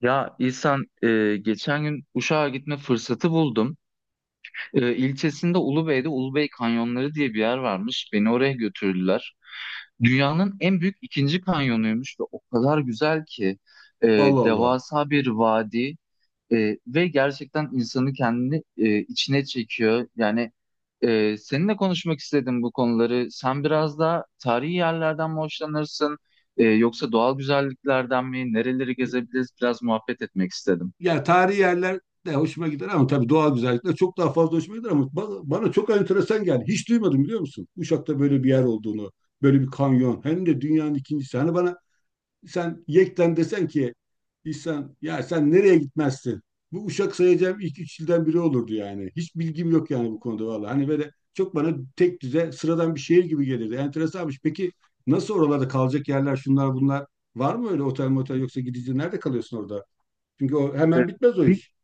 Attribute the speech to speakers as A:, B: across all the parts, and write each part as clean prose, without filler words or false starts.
A: Ya İhsan, geçen gün Uşak'a gitme fırsatı buldum. İlçesinde Ulubey'de Ulubey Kanyonları diye bir yer varmış. Beni oraya götürdüler. Dünyanın en büyük ikinci kanyonuymuş ve o kadar güzel ki. E,
B: Allah Allah.
A: Devasa bir vadi. Ve gerçekten insanı kendini içine çekiyor. Yani seninle konuşmak istedim bu konuları. Sen biraz daha tarihi yerlerden mi hoşlanırsın, yoksa doğal güzelliklerden mi? Nereleri gezebiliriz? Biraz muhabbet etmek istedim.
B: Yani tarihi yerler de hoşuma gider ama tabii doğal güzellikler çok daha fazla hoşuma gider ama bana çok enteresan geldi. Hiç duymadım biliyor musun? Uşak'ta böyle bir yer olduğunu, böyle bir kanyon. Hem de dünyanın ikincisi. Hani bana sen yekten desen ki İhsan ya sen nereye gitmezsin? Bu Uşak sayacağım ilk üç ilden biri olurdu yani. Hiç bilgim yok yani bu konuda vallahi. Hani böyle çok bana tek düze sıradan bir şehir gibi gelirdi. Enteresanmış. Peki nasıl oralarda kalacak yerler şunlar bunlar? Var mı öyle otel motel yoksa gidici nerede kalıyorsun orada? Çünkü o hemen bitmez o
A: E,
B: iş.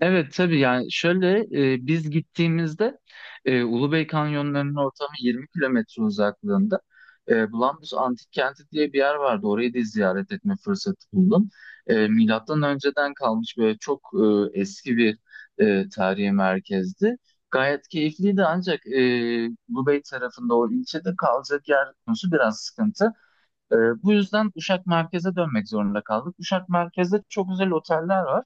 A: Evet, tabii. Yani şöyle, biz gittiğimizde Ulubey Kanyonları'nın ortamı 20 kilometre uzaklığında. Bulambuz Antik Kenti diye bir yer vardı. Orayı da ziyaret etme fırsatı buldum. Milattan önceden kalmış böyle çok eski bir tarihi merkezdi. Gayet keyifliydi, ancak Ulubey tarafında o ilçede kalacak yer konusu biraz sıkıntı. Bu yüzden Uşak merkeze dönmek zorunda kaldık. Uşak merkezde çok güzel oteller var,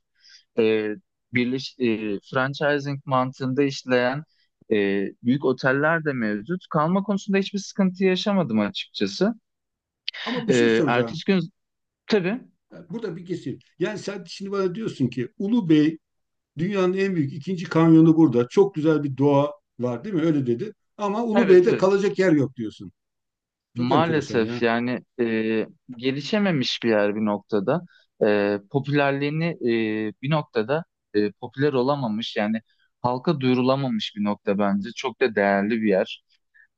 A: e, franchising mantığında işleyen e, büyük oteller de mevcut. Kalma konusunda hiçbir sıkıntı yaşamadım açıkçası.
B: Ama bir şey soracağım.
A: Ertesi gün tabii,
B: Yani burada bir kesim. Yani sen şimdi bana diyorsun ki Ulu Bey dünyanın en büyük ikinci kanyonu burada. Çok güzel bir doğa var değil mi? Öyle dedi. Ama Ulu
A: evet,
B: Bey'de
A: evet.
B: kalacak yer yok diyorsun. Çok enteresan ya.
A: Maalesef yani, gelişememiş bir yer bir noktada. Popülerliğini bir noktada popüler olamamış, yani halka duyurulamamış bir nokta bence. Çok da değerli bir yer.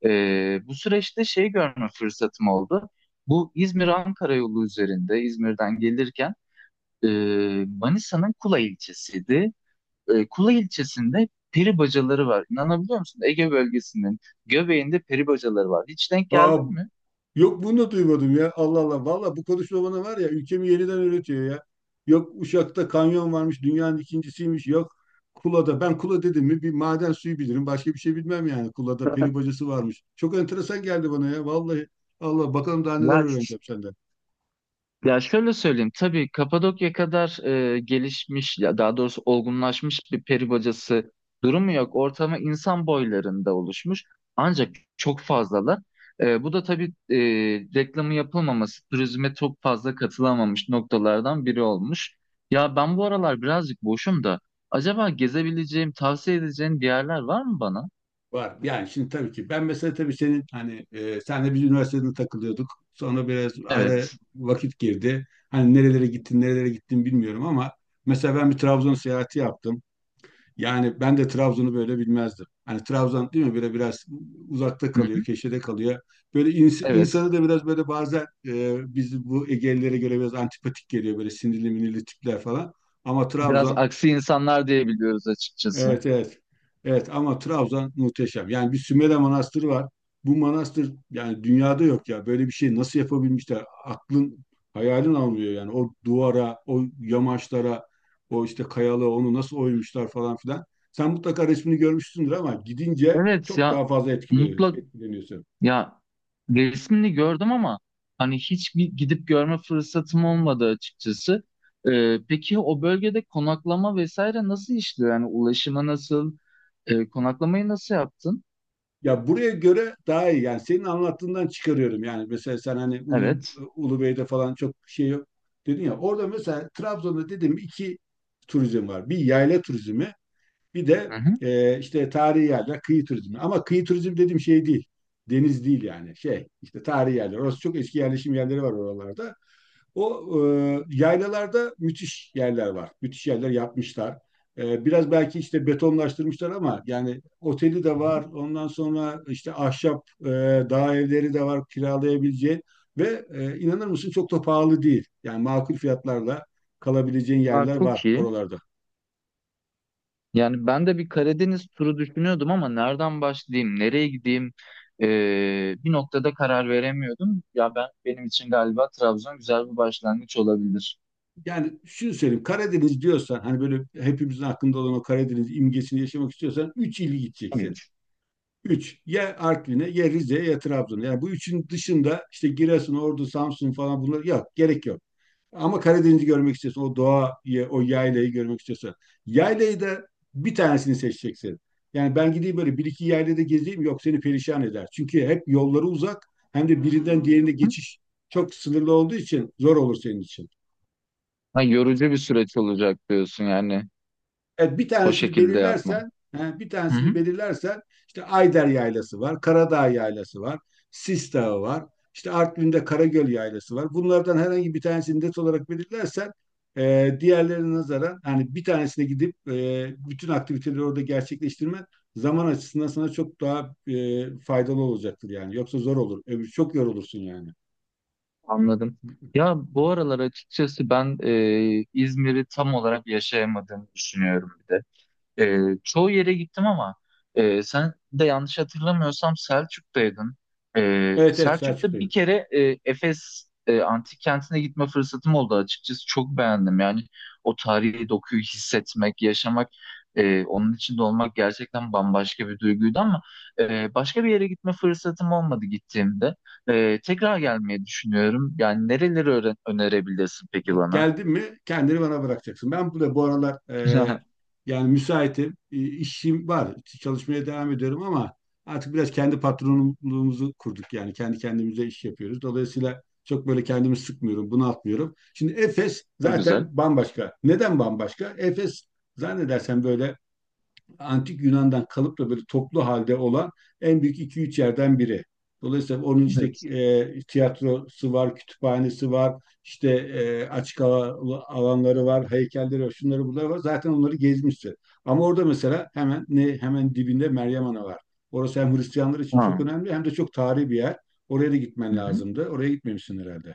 A: Bu süreçte şey görme fırsatım oldu. Bu İzmir-Ankara yolu üzerinde İzmir'den gelirken e, Manisa'nın Kula ilçesiydi. Kula ilçesinde peri bacaları var. İnanabiliyor musun? Ege bölgesinin göbeğinde peri bacaları var. Hiç denk
B: Aa,
A: geldin mi?
B: yok bunu da duymadım ya. Allah Allah. Valla bu konuşma bana var ya ülkemi yeniden öğretiyor ya. Yok Uşak'ta kanyon varmış dünyanın ikincisiymiş. Yok Kula'da. Ben Kula dedim mi bir maden suyu bilirim. Başka bir şey bilmem yani. Kula'da peri bacası varmış. Çok enteresan geldi bana ya. Vallahi Allah bakalım daha neler
A: Ya
B: öğreneceğim senden.
A: Ya şöyle söyleyeyim, tabii Kapadokya kadar gelişmiş ya daha doğrusu olgunlaşmış bir peri bacası durumu yok. Ortamı insan boylarında oluşmuş. Ancak çok fazlalar. Bu da tabii e, reklamı yapılmaması, turizme çok fazla katılamamış noktalardan biri olmuş. Ya ben bu aralar birazcık boşum da acaba gezebileceğim, tavsiye edeceğin bir yerler var mı bana?
B: Var. Yani şimdi tabii ki ben mesela tabii senin hani senle biz üniversitede takılıyorduk. Sonra biraz ara
A: Evet.
B: vakit girdi. Hani nerelere gittin, nerelere gittin bilmiyorum ama mesela ben bir Trabzon seyahati yaptım. Yani ben de Trabzon'u böyle bilmezdim. Hani Trabzon değil mi böyle biraz uzakta
A: Hı
B: kalıyor,
A: hı.
B: köşede kalıyor. Böyle insanı
A: Evet.
B: da biraz böyle bazen biz bu Egelilere göre biraz antipatik geliyor böyle sinirli minirli tipler falan. Ama
A: Biraz
B: Trabzon
A: aksi insanlar diyebiliyoruz açıkçası.
B: evet, evet. Evet ama Trabzon muhteşem. Yani bir Sümele Manastırı var. Bu manastır yani dünyada yok ya. Böyle bir şey nasıl yapabilmişler? Aklın hayalin almıyor yani. O duvara, o yamaçlara, o işte kayalığa onu nasıl oymuşlar falan filan. Sen mutlaka resmini görmüşsündür ama gidince
A: Evet
B: çok daha
A: ya,
B: fazla
A: mutlak.
B: etkileniyorsun.
A: Ya, resmini gördüm ama hani hiç bir gidip görme fırsatım olmadı açıkçası. Peki o bölgede konaklama vesaire nasıl işliyor? Yani ulaşımı nasıl, konaklamayı nasıl yaptın?
B: Ya buraya göre daha iyi. Yani senin anlattığından çıkarıyorum. Yani mesela sen hani
A: Evet.
B: Ulubey'de falan çok şey yok dedin ya. Orada mesela Trabzon'da dedim iki turizm var. Bir yayla turizmi, bir
A: Hı
B: de
A: hı.
B: işte tarihi yerler, kıyı turizmi. Ama kıyı turizmi dediğim şey değil. Deniz değil yani. Şey işte tarihi yerler. Orası çok eski yerleşim yerleri var oralarda. O yaylalarda müthiş yerler var. Müthiş yerler yapmışlar. Biraz belki işte betonlaştırmışlar ama yani oteli de var. Ondan sonra işte ahşap dağ evleri de var kiralayabileceğin. Ve inanır mısın çok da pahalı değil. Yani makul fiyatlarla kalabileceğin
A: Ha,
B: yerler
A: çok
B: var
A: iyi.
B: oralarda.
A: Yani ben de bir Karadeniz turu düşünüyordum ama nereden başlayayım, nereye gideyim bir noktada karar veremiyordum. Ya ben, benim için galiba Trabzon güzel bir başlangıç olabilir.
B: Yani şunu söyleyeyim Karadeniz diyorsan hani böyle hepimizin aklında olan o Karadeniz imgesini yaşamak istiyorsan 3 il gideceksin.
A: Evet.
B: Üç, ya Artvin'e, ya Rize'ye, ya Trabzon'a. Yani bu üçün dışında işte Giresun, Ordu, Samsun falan bunlar yok. Gerek yok. Ama Karadeniz'i görmek istiyorsan, o doğayı, o yaylayı görmek istiyorsan. Yaylayı da bir tanesini seçeceksin. Yani ben gideyim böyle bir iki yaylada gezeyim yok seni perişan eder. Çünkü hep yolları uzak hem de birinden diğerine geçiş çok sınırlı olduğu için zor olur senin için.
A: Ha, yorucu bir süreç olacak diyorsun yani.
B: Evet, bir
A: O
B: tanesini
A: şekilde yapmam.
B: belirlersen, he, bir
A: Hı
B: tanesini
A: hı.
B: belirlersen işte Ayder Yaylası var, Karadağ Yaylası var, Sis Dağı var, işte Artvin'de Karagöl Yaylası var. Bunlardan herhangi bir tanesini net olarak belirlersen diğerlerine nazaran hani bir tanesine gidip bütün aktiviteleri orada gerçekleştirmen zaman açısından sana çok daha faydalı olacaktır yani. Yoksa zor olur. Öbür çok yorulursun yani.
A: Anladım. Ya bu aralar açıkçası ben İzmir'i tam olarak yaşayamadığımı düşünüyorum. Çoğu yere gittim ama sen de yanlış hatırlamıyorsam Selçuk'taydın.
B: Evet evet
A: Selçuk'ta bir
B: Selçuk'tayım.
A: kere Efes antik kentine gitme fırsatım oldu açıkçası. Çok beğendim yani o tarihi dokuyu hissetmek, yaşamak, onun içinde olmak gerçekten bambaşka bir duyguydu ama başka bir yere gitme fırsatım olmadı gittiğimde. Tekrar gelmeyi düşünüyorum. Yani nereleri önerebilirsin peki
B: Bak
A: bana?
B: geldin mi kendini bana bırakacaksın. Ben burada bu aralar yani müsaitim. E, işim var. Çalışmaya devam ediyorum ama artık biraz kendi patronluğumuzu kurduk. Yani kendi kendimize iş yapıyoruz. Dolayısıyla çok böyle kendimi sıkmıyorum, bunaltmıyorum. Şimdi Efes
A: Çok güzel.
B: zaten bambaşka. Neden bambaşka? Efes zannedersem böyle Antik Yunan'dan kalıp da böyle toplu halde olan en büyük iki üç yerden biri. Dolayısıyla onun işte
A: Evet.
B: tiyatrosu var, kütüphanesi var, işte açık hava alanları var, heykelleri var, şunları bunları var. Zaten onları gezmiştir. Ama orada mesela hemen ne hemen dibinde Meryem Ana var. Orası hem Hristiyanlar için çok
A: Ha.
B: önemli hem de çok tarihi bir yer. Oraya da gitmen lazımdı. Oraya gitmemişsin herhalde.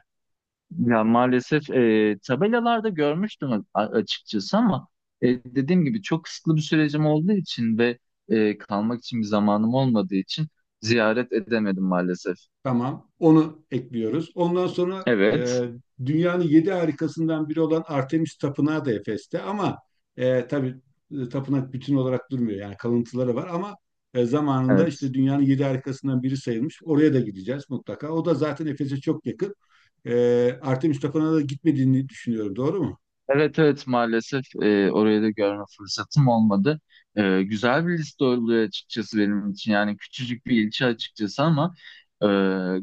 A: Ya maalesef tabelalarda görmüştüm açıkçası ama dediğim gibi çok kısıtlı bir sürecim olduğu için ve kalmak için bir zamanım olmadığı için ziyaret edemedim maalesef.
B: Tamam. Onu ekliyoruz. Ondan sonra
A: Evet,
B: dünyanın yedi harikasından biri olan Artemis Tapınağı da Efes'te ama tabii tapınak bütün olarak durmuyor. Yani kalıntıları var ama zamanında
A: evet.
B: işte dünyanın yedi harikasından biri sayılmış. Oraya da gideceğiz mutlaka. O da zaten Efes'e çok yakın. E, Artemis Tapınağı'na da gitmediğini düşünüyorum. Doğru mu?
A: Evet, evet maalesef, orayı da görme fırsatım olmadı. Güzel bir liste oluyor açıkçası benim için. Yani küçücük bir ilçe açıkçası ama e,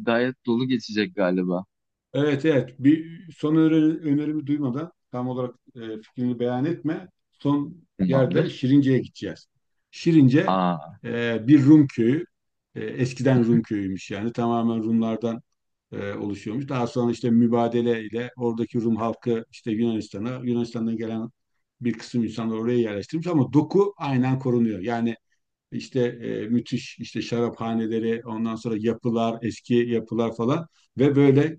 A: gayet dolu geçecek galiba.
B: Evet evet bir son önerimi duymadan tam olarak fikrini beyan etme. Son yerde
A: Tamamdır.
B: Şirince'ye gideceğiz. Şirince
A: Aa,
B: bir Rum köyü. Eskiden Rum köyüymüş yani tamamen Rumlardan oluşuyormuş. Daha sonra işte mübadele ile oradaki Rum halkı işte Yunanistan'a, Yunanistan'dan gelen bir kısım insanlar oraya yerleştirmiş ama doku aynen korunuyor. Yani işte müthiş işte şaraphaneleri, ondan sonra yapılar, eski yapılar falan ve böyle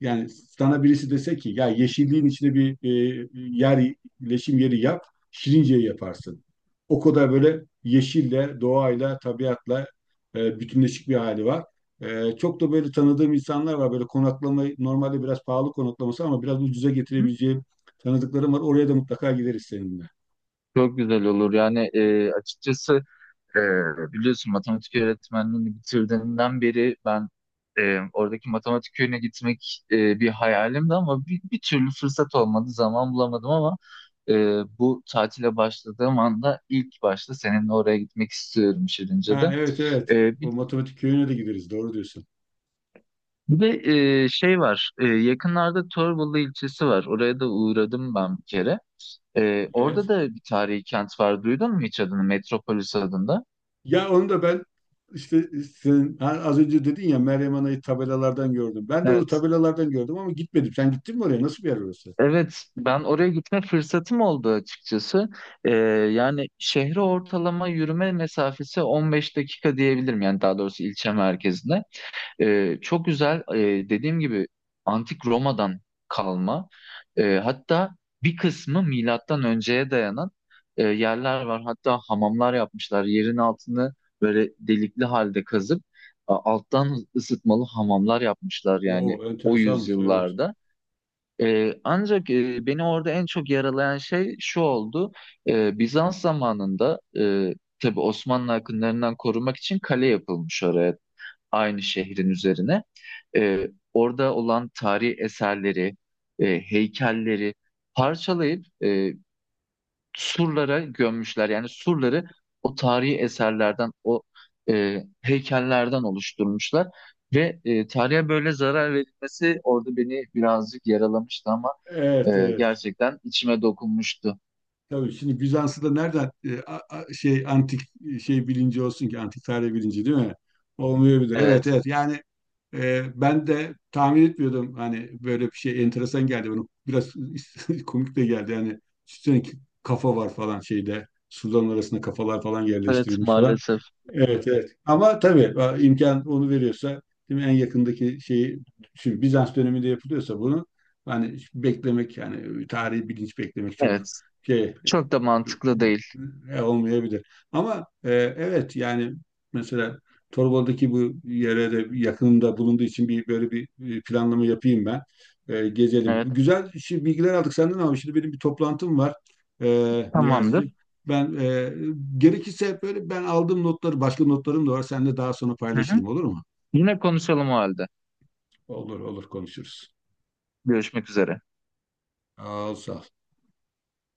B: yani sana birisi dese ki ya yeşilliğin içine bir yer, leşim yeri yap, Şirince'yi yaparsın. O kadar böyle yeşille, doğayla, tabiatla bütünleşik bir hali var. Çok da böyle tanıdığım insanlar var. Böyle konaklamayı normalde biraz pahalı konaklaması ama biraz ucuza
A: hı,
B: getirebileceğim tanıdıklarım var. Oraya da mutlaka gideriz seninle.
A: çok güzel olur. Yani açıkçası biliyorsun matematik öğretmenliğini bitirdiğimden beri ben oradaki matematik köyüne gitmek bir hayalimdi ama bir türlü fırsat olmadı, zaman bulamadım ama e, bu tatile başladığım anda ilk başta seninle oraya gitmek istiyorum Şirince'de.
B: Ha, evet evet.
A: E,
B: O
A: bir,
B: matematik köyüne de gideriz. Doğru diyorsun.
A: bir de şey var, yakınlarda Torbalı ilçesi var. Oraya da uğradım ben bir kere. Orada
B: Evet.
A: da bir tarihi kent var. Duydun mu hiç adını? Metropolis adında.
B: Ya onu da ben işte sen ha, az önce dedin ya Meryem Ana'yı tabelalardan gördüm. Ben de onu
A: Evet.
B: tabelalardan gördüm ama gitmedim. Sen gittin mi oraya? Nasıl bir yer orası?
A: Evet, ben oraya gitme fırsatım oldu açıkçası. Ee, Yani şehre ortalama yürüme mesafesi 15 dakika diyebilirim. Yani daha doğrusu ilçe merkezine. Çok güzel, dediğim gibi antik Roma'dan kalma. Hatta bir kısmı milattan önceye dayanan yerler var. Hatta hamamlar yapmışlar. Yerin altını böyle delikli halde kazıp alttan ısıtmalı hamamlar yapmışlar yani
B: Oo
A: o
B: enteresanmış evet.
A: yüzyıllarda. Ancak beni orada en çok yaralayan şey şu oldu. Bizans zamanında tabii Osmanlı akınlarından korumak için kale yapılmış oraya, aynı şehrin üzerine. Orada olan tarihi eserleri, heykelleri parçalayıp surlara gömmüşler. Yani surları o tarihi eserlerden, o heykellerden oluşturmuşlar. Ve tarihe böyle zarar verilmesi orada beni birazcık yaralamıştı ama
B: Evet evet.
A: gerçekten içime dokunmuştu.
B: Tabii şimdi Bizans'ı da nereden şey antik şey bilinci olsun ki antik tarih bilinci değil mi? Olmayabilir. Evet
A: Evet,
B: evet yani ben de tahmin etmiyordum hani böyle bir şey enteresan geldi bana biraz komik de geldi yani üstüne kafa var falan şeyde suların arasında kafalar falan
A: evet
B: yerleştirilmiş falan.
A: maalesef.
B: Evet evet ama tabii a, imkan onu veriyorsa değil mi? En yakındaki şeyi şimdi Bizans döneminde yapılıyorsa bunu hani beklemek yani tarihi bilinç beklemek çok
A: Evet,
B: şey
A: çok da mantıklı değil.
B: olmayabilir. Ama evet yani mesela Torbalı'daki bu yere de yakınımda bulunduğu için bir böyle bir planlama yapayım ben. E, gezelim. Bu
A: Evet,
B: güzel bilgiler aldık senden ama şimdi benim bir toplantım var
A: tamamdır.
B: Niyazi'ciğim. Ben gerekirse böyle ben aldığım notları başka notlarım da var. Seninle daha sonra
A: Hı hı.
B: paylaşırım olur mu?
A: Yine konuşalım o halde.
B: Olur olur konuşuruz.
A: Görüşmek üzere.
B: Sağ ol, sağ ol.